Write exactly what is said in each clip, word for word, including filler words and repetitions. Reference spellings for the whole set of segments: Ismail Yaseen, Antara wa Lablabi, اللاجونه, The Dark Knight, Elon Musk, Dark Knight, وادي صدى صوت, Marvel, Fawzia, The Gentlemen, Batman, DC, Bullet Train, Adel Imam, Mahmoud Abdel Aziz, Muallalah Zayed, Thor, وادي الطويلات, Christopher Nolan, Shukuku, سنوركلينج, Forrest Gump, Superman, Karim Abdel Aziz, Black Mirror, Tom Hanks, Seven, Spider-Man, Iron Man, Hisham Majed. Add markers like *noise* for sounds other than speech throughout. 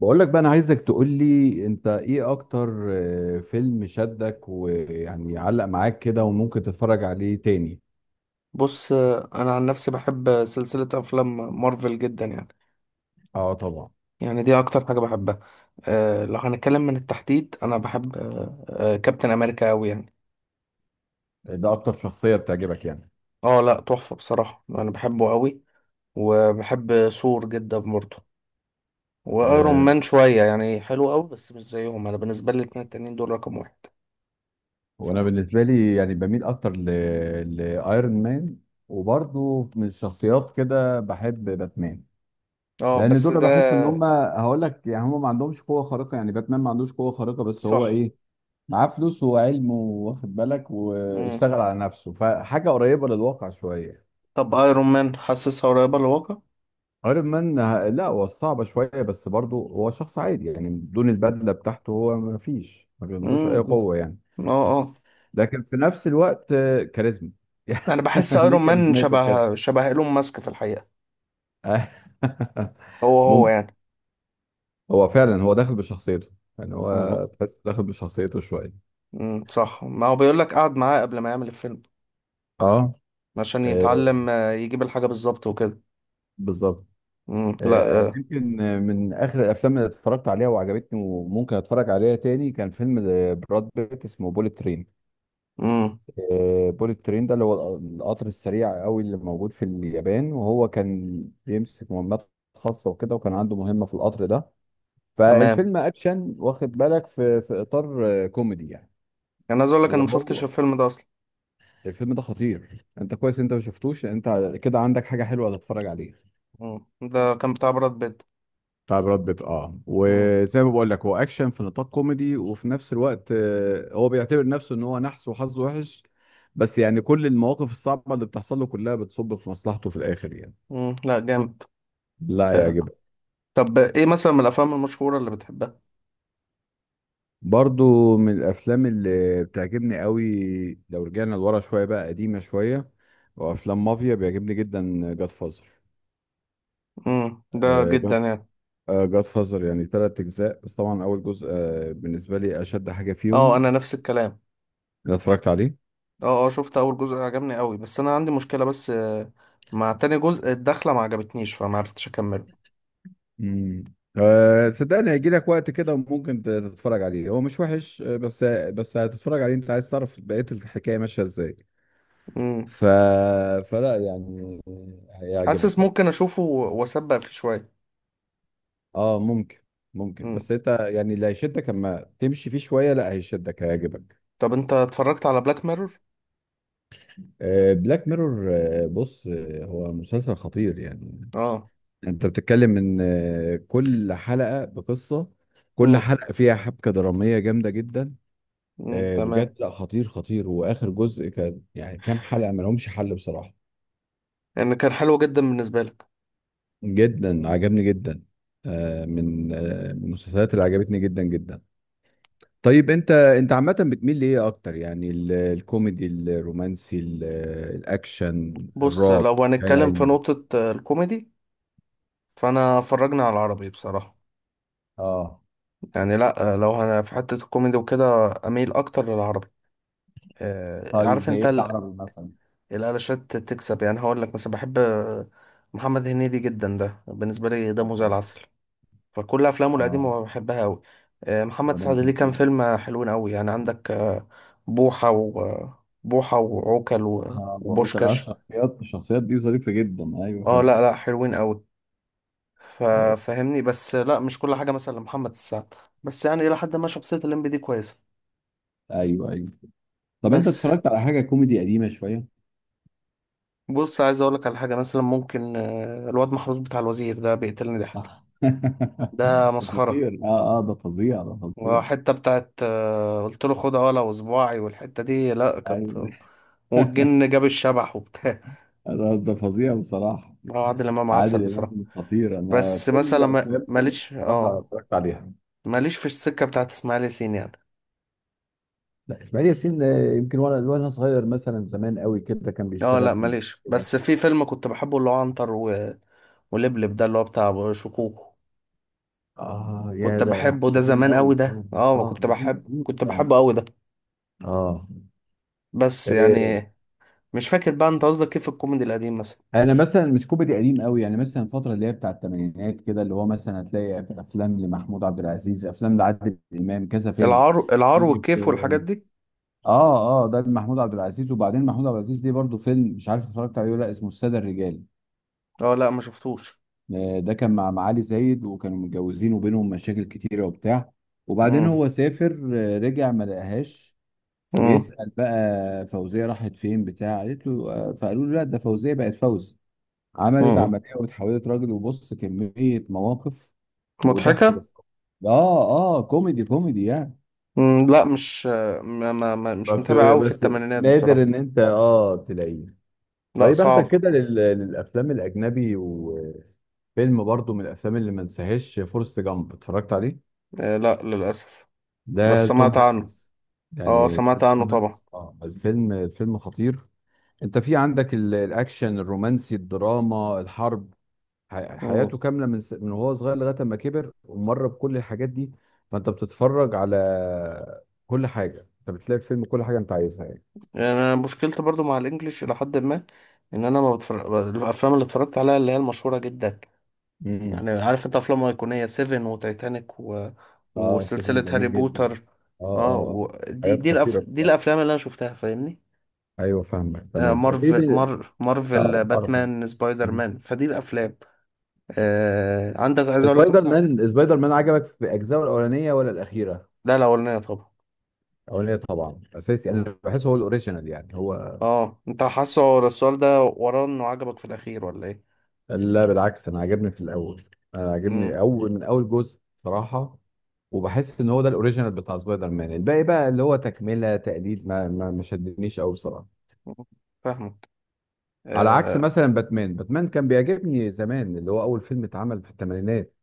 بقول لك بقى، انا عايزك تقول لي انت ايه اكتر آه، فيلم شدك ويعني علق معاك كده وممكن تتفرج عليه تاني. بص. انا عن نفسي بحب سلسله افلام مارفل جدا يعني اه طبعا. يعني دي اكتر حاجه بحبها. أه لو هنتكلم من التحديد انا بحب أه آه، كابتن امريكا قوي يعني. ده اكتر شخصيه بتعجبك يعني؟ اه، لا تحفه بصراحه، انا بحبه قوي. وبحب ثور جدا برضه. وايرون أه. مان شويه يعني، حلو قوي بس مش زيهم. انا بالنسبه لي الاتنين التانيين دول رقم واحد. ف- وانا بالنسبه لي يعني بميل اكتر ل... لايرون مان. وبرضه من الشخصيات كده بحب باتمان، اه لان بس دول ده بحس ان هم هقول لك يعني هم ما عندهمش قوه خارقه، يعني باتمان ما عندوش قوه خارقه، بس هو صح. ايه؟ معاه فلوس وعلم، واخد بالك، مم. واشتغل على نفسه، فحاجه قريبه للواقع شويه. طب ايرون مان حاسسها قريبه للواقع؟ ايرون مان آه، لا هو صعبة شوية، بس برضه هو شخص عادي يعني، بدون البدلة بتاعته هو ما فيش ما بيمدوش أي امم قوة يعني. اه. آه. لكن في نفس الوقت آه، كاريزما. انا بحس *laughs* ليه ايرون مان كاريزماته كده؟ شبه شبه ايلون ماسك في الحقيقه. آه. *laughs* هو هو ممكن. يعني. هو فعلا هو داخل بشخصيته. يعني مم. هو تحس داخل بشخصيته شوية. امم صح، ما هو بيقول لك قعد معاه قبل ما يعمل الفيلم اه. عشان آه، يتعلم آه، يجيب الحاجه بالظبط وكده. بالظبط. امم لا. آه، أنا يمكن آه، من آخر الأفلام اللي اتفرجت عليها وعجبتني وممكن أتفرج عليها تاني كان فيلم آه، براد بيت، اسمه بوليت ترين. امم آه، بوليت ترين ده اللي هو القطر السريع قوي اللي موجود في اليابان، وهو كان بيمسك مهمات خاصة وكده، وكان عنده مهمة في القطر ده. تمام. فالفيلم اكشن، واخد بالك، في في اطار آه، كوميدي يعني. انا عايز اقول لك انا ما شفتش وهو الفيلم ده اصلا. الفيلم ده خطير، انت كويس انت ما شفتوش. انت كده عندك حاجة حلوة تتفرج عليها. امم، ده كان بتاع براد بيت. بتاع براد بيت، اه، امم. وزي ما بقول لك هو اكشن في نطاق كوميدي، وفي نفس الوقت آه، هو بيعتبر نفسه ان هو نحس وحظه وحش، بس يعني كل المواقف الصعبة اللي بتحصل له كلها بتصب في مصلحته في الاخر يعني. امم لا، جامد. لا آه. يعجبك. طب ايه مثلا من الافلام المشهوره اللي بتحبها؟ برضو من الافلام اللي بتعجبني قوي، لو رجعنا لورا شويه بقى قديمه شويه، وافلام مافيا بيعجبني جدا جاد فازر. امم، ده جدا جاد يعني. جاد فازر يعني ثلاث اجزاء، بس طبعا اول جزء آه، بالنسبه لي اشد حاجه اه فيهم انا نفس الكلام. اللي اتفرجت عليه. اه اه، شفت اول جزء عجبني قوي، بس انا عندي مشكلة بس آه، مع تاني جزء. الدخلة ما عجبتنيش فما عرفتش اكمله. امم أه صدقني، هيجي لك وقت كده ممكن ت- تتفرج عليه، هو مش وحش آه، بس بس هتتفرج عليه انت عايز تعرف بقيه الحكايه ماشيه ازاي. امم. ف فلا يعني، هيعجبك حاسس برضه. ممكن اشوفه و- واسبق فيه شوية. اه ممكن. ممكن، امم. بس انت يعني اللي هيشدك، اما تمشي فيه شويه لا هيشدك هيعجبك. طب انت اتفرجت على بلاك ميرور؟ آه بلاك ميرور، آه بص آه هو مسلسل خطير يعني. اه. انت بتتكلم ان آه كل حلقه بقصه، كل امم. حلقه فيها حبكه دراميه جامده جدا. امم آه بجد تمام. لا خطير خطير، واخر جزء كان يعني كام حلقه ما لهمش حل بصراحه. ان كان حلو جدا بالنسبة لك. جدا، عجبني جدا. آه من آه من المسلسلات اللي عجبتني جدا جدا. طيب انت انت عامة بتميل لإيه أكتر يعني؟ ال- الكوميدي، الرومانسي، ال- الأكشن، بص، الرعب، لو خيال هنتكلم في علمي. نقطة آه، الكوميدي، فانا فرجنا على العربي بصراحة. اه. يعني، لا آه، لو انا في حتة الكوميدي وكده اميل اكتر للعربي. آه، طيب عارف زي انت، ايه العربي مثلا؟ الالشات تكسب. يعني هقول لك مثلا بحب محمد هنيدي جدا، ده بالنسبه لي دمه زي اه العسل. فكل افلامه آه، القديمه بحبها قوي. هو محمد ده سعد ليه مخيف كام جدا. فيلم حلوين قوي. يعني عندك آه، بوحه و بوحه وعوكل و- اه بفكر، اه وبوشكاش. الشخصيات الشخصيات دي ظريفة جدا، ايوه اه فعلا. لا لا، حلوين قوي. آه، ففهمني، بس لا مش كل حاجه مثلا لمحمد سعد، بس يعني الى حد ما شخصيه الليمبي دي كويسه. ايوه ايوه. طب انت بس. اتفرجت على حاجة كوميدي قديمة شوية؟ بص عايز اقول لك على حاجه مثلا ممكن آه، الواد محروس بتاع الوزير ده بيقتلني ضحك. آه. ده *laughs* ده مسخره. خطير، اه اه ده فظيع ده فظيع. وحتة بتاعت آه، قلت له خدها ولا وصباعي، والحتة دي لا كانت، ايوه. والجن جاب الشبح وبتاع. *laughs* ده ده فظيع بصراحة. *laughs* هو عادل إمام عسل عادل بصراحة. امام خطير، انا بس كل مثلا ما- افلامه ماليش بصراحه اه، اتفرجت عليها. ماليش في السكة بتاعت إسماعيل ياسين يعني. لا، اسماعيل ياسين آه، يمكن وانا وانا صغير مثلا زمان قوي كده كان اه بيشتغل لا في ماليش، كده. بس في فيلم كنت بحبه اللي هو عنتر و... ولبلب، ده اللي هو بتاع شكوكو. اه، كنت يا ده بحبه ده قديم زمان قوي، قوي اه. ده اه ما آه، كنت ده جيل بحب، قديم كنت يعني. بحبه قوي ده. اه. بس يعني إيه،. مش فاكر بقى. انت قصدك كيف الكوميدي القديم مثلا؟ انا مثلا مش كوميدي قديم قوي يعني، مثلا الفتره اللي هي بتاع الثمانينات كده، اللي هو مثلا هتلاقي افلام لمحمود عبد العزيز، افلام لعادل امام، كذا فيلم العار، العار يجي والكيف في. والحاجات دي. اه اه، ده محمود عبد العزيز. وبعدين محمود عبد العزيز ليه برضه فيلم مش عارف اتفرجت عليه ولا لأ، اسمه الساده الرجال. اه لا ما شفتوش. آه، ده كان مع معالي زايد، وكانوا متجوزين وبينهم مشاكل كتيرة وبتاع، وبعدين مم. هو سافر آه، رجع ما لقاهاش. مم. فبيسأل بقى فوزية راحت فين بتاع، قالت له آه، فقالوا له لا، ده فوزية بقت فوزي، عملت مم. عملية واتحولت راجل. وبص كمية مواقف وضحك. مضحكة؟ بس اه اه كوميدي كوميدي يعني. مم. لا، مش ما ما ما- مش بس متابع قوي في بس الثمانينات نادر بصراحة. ان انت اه تلاقيه. لا طيب اخدك صعب. كده لل- للافلام الاجنبي، وفيلم برضو من الافلام اللي ما انساهاش فورست جامب، اتفرجت عليه؟ آه، لا للأسف، ده بس توم سمعت عنه. هانكس. اه يعني ده سمعت عنه توم طبعا. هانكس، اه الفيلم، الفيلم خطير. انت في عندك ال- الاكشن، الرومانسي، الدراما، الحرب، ح- مم. حياته كامله من س... من وهو صغير لغايه ما كبر ومر بكل الحاجات دي. فانت بتتفرج على كل حاجه، انت بتلاقي في الفيلم كل حاجه انت عايزها يعني. يعني أنا مشكلتي برضو مع الإنجليش إلى حد ما، إن أنا ما بتفرج الأفلام اللي اتفرجت عليها اللي هي المشهورة جدا. امم يعني عارف أنت، أفلام أيقونية سيفن وتايتانيك و... اه سيفن وسلسلة هاري جميل جدا. بوتر. اه اه اه اه. و... دي حاجات دي خطيره الأف... دي بصراحه. الأفلام اللي أنا شفتها، فاهمني؟ ايوه فاهمك آه، تمام. طب ايه مارفل، بي... مار مارفل، اه أعرف. باتمان، سبايدر مم. مان، فدي الافلام. آه، عندك، عايز اقول لك سبايدر مثلا. مان، سبايدر مان عجبك في اجزائه الاولانيه ولا الاخيره؟ لا الاولانيه طبعا. الاولاني طبعا اساسي، مم. انا بحس هو الاوريجينال يعني هو. اه انت حاسه ورا السؤال ده، وراه انه عجبك في الاخير ولا ايه؟ لا بالعكس، انا عجبني في الاول، انا عجبني مم. اول من اول جزء صراحه، وبحس ان هو ده الاوريجينال بتاع سبايدر مان، الباقي بقى اللي هو تكمله تقليد، ما ما ما شدنيش قوي بصراحه. مم. فاهمك. على عكس اه. مثلا باتمان، باتمان كان بيعجبني زمان اللي هو اول فيلم اتعمل في الثمانينات،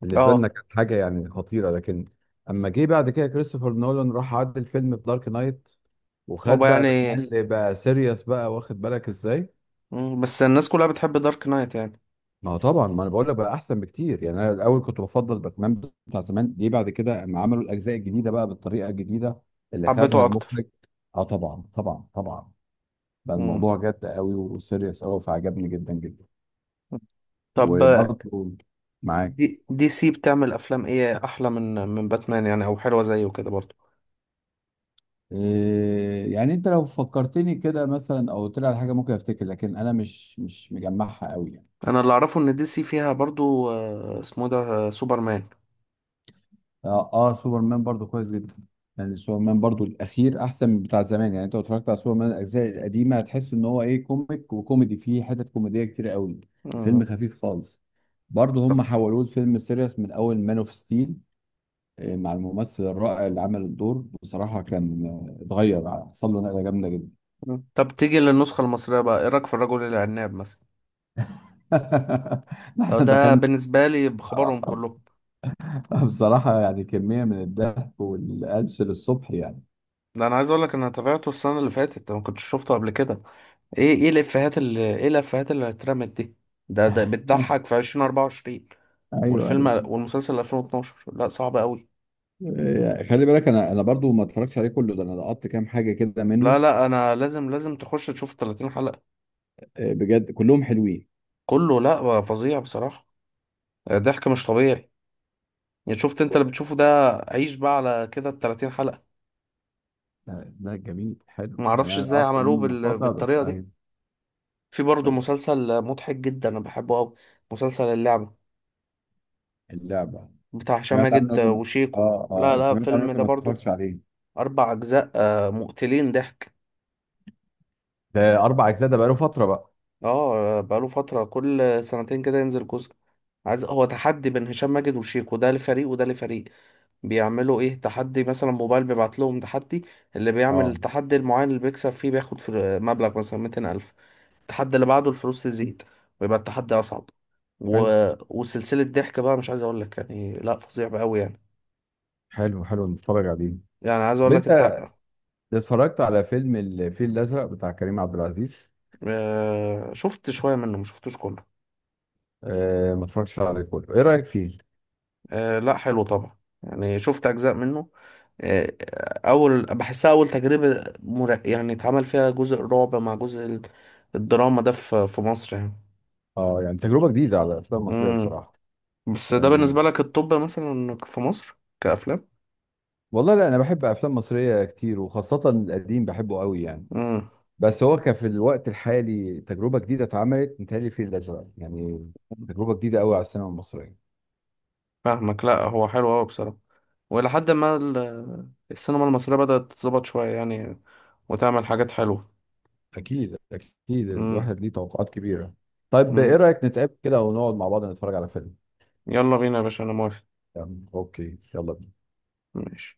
بالنسبه لنا آه، كانت حاجه يعني خطيره، لكن اما جه بعد كده كريستوفر نولان راح عدل الفيلم في دارك نايت، هو وخد بقى يعني. باتمان اللي بقى سيريس بقى، واخد بالك ازاي. مم. بس الناس كلها بتحب دارك نايت يعني. ما هو طبعا، ما انا بقول لك، بقى احسن بكتير يعني. انا الاول كنت بفضل باتمان بتاع زمان، ليه بعد كده اما عملوا الاجزاء الجديده بقى بالطريقه الجديده اللي خدها حبيته اكتر. المخرج، اه طبعا طبعا طبعا، بقى مم. الموضوع جد قوي وسيريس قوي فعجبني جدا جدا. طب آه، وبرضه، معاك. دي دي سي بتعمل افلام ايه احلى من من باتمان يعني، او حلوه زيه كده برضو؟ إيه يعني، انت لو فكرتني كده مثلا او طلع على حاجه ممكن افتكر، لكن انا مش مش مجمعها قوي يعني. انا اللي اعرفه ان دي سي فيها برضو آه، اسمه ده آه، سوبرمان. اه اه سوبرمان برضو كويس جدا. يعني سوبرمان برضو الاخير احسن من بتاع زمان يعني، انت لو اتفرجت على سوبرمان الاجزاء القديمه هتحس ان هو ايه، كوميك وكوميدي، فيه حتت كوميديه كتير قوي، مم. فيلم خفيف خالص. برضو طب. هم حولوه لفيلم سيريس من اول مان اوف ستيل، مع الممثل الرائع اللي عمل الدور بصراحه كان آه، اتغير حصل له نقله جامده جدا. مم. طب تيجي للنسخة المصرية بقى، ايه رأيك في الرجل العناب مثلا؟ *laughs* أو احنا ده دخلنا. بالنسبة لي بخبرهم آه، كلهم. آه، بصراحه يعني كميه من الضحك والقلش للصبح يعني. ده انا عايز اقول لك إن انا تابعته السنة اللي فاتت، ما كنتش شفته قبل كده. ايه ايه الافيهات اللي، ايه الافيهات اللي اترمت دي. ده ده *laughs* بتضحك في الفين واربعه وعشرين ايوه. والفيلم والمسلسل الفين واتناشر، لا صعب قوي. آه، خلي بالك انا انا برضو ما اتفرجتش عليه كله، ده انا لقطت كام حاجه كده لا منه. لا انا لازم، لازم تخش تشوف تلاتين حلقة. آه، بجد كلهم حلوين. كله، لا فظيع بصراحة. ضحك مش طبيعي. يعني شفت انت اللي بتشوفه ده، عيش بقى على كده ال تلاتين حلقة. لا لا جميل، حلو يعني، معرفش انا ازاي لقطت عملوه منه بال... مقاطع بس بالطريقة دي. اهي. في برضه طب. مسلسل مضحك جدا انا بحبه قوي، مسلسل اللعبة اللعبه. بتاع هشام سمعت عنه ماجد لكن، وشيكو. اه لا اه لا سمعت عنه الفيلم لكن ده ما برضه اتفرجتش عليه. اربع اجزاء آه، مقتلين ضحك. ده اربع اجزاء، ده بقاله فتره بقى. اه بقاله فترة، كل سنتين كده ينزل جزء. عايز هو تحدي بين هشام ماجد وشيكو، ده لفريق وده لفريق. بيعملوا ايه تحدي مثلا، موبايل بيبعت لهم تحدي. اللي بيعمل اه. التحدي المعين اللي بيكسب فيه بياخد في مبلغ مثلا ميتين الف. التحدي اللي بعده الفلوس تزيد ويبقى التحدي اصعب و... حلو. وسلسلة ضحك بقى، مش عايز اقول لك يعني، لا فظيع بقى قوي يعني. حلو حلو، نتفرج عليه. يعني عايز طب اقول لك انت انت. اتفرجت على فيلم الفيل الازرق بتاع كريم عبد العزيز؟ آه، شفت شوية منه ما شفتوش كله. آه ما اتفرجتش عليه كله، ايه رايك فيه؟ آه، لا حلو طبعا. يعني شفت اجزاء منه. آه، اول بحسها اول تجربة مر... يعني اتعمل فيها جزء الرعب مع جزء ال- الدراما ده في في مصر يعني. اه يعني تجربه جديده على الافلام المصريه امم. بصراحه. بس ده بالنسبة يعني لك الطب مثلا في مصر كأفلام. والله لا، انا بحب افلام مصريه كتير وخاصه القديم بحبه قوي يعني، امم بس هو كان في الوقت الحالي تجربه جديده اتعملت متهيألي في الازرق يعني، تجربه جديده قوي على السينما المصريه. فاهمك، لا هو حلو أوي بصراحة. وإلى حد ما ال- السينما المصرية بدأت تتظبط شوية يعني، وتعمل حاجات حلوة. اكيد اكيد مم. الواحد ليه توقعات كبيرة. طيب ايه مم. رايك نتقابل كده ونقعد مع بعض نتفرج على فيلم؟ يلا بينا يا باشا، أنا موافق. يعني اوكي، يلا بينا. ماشي.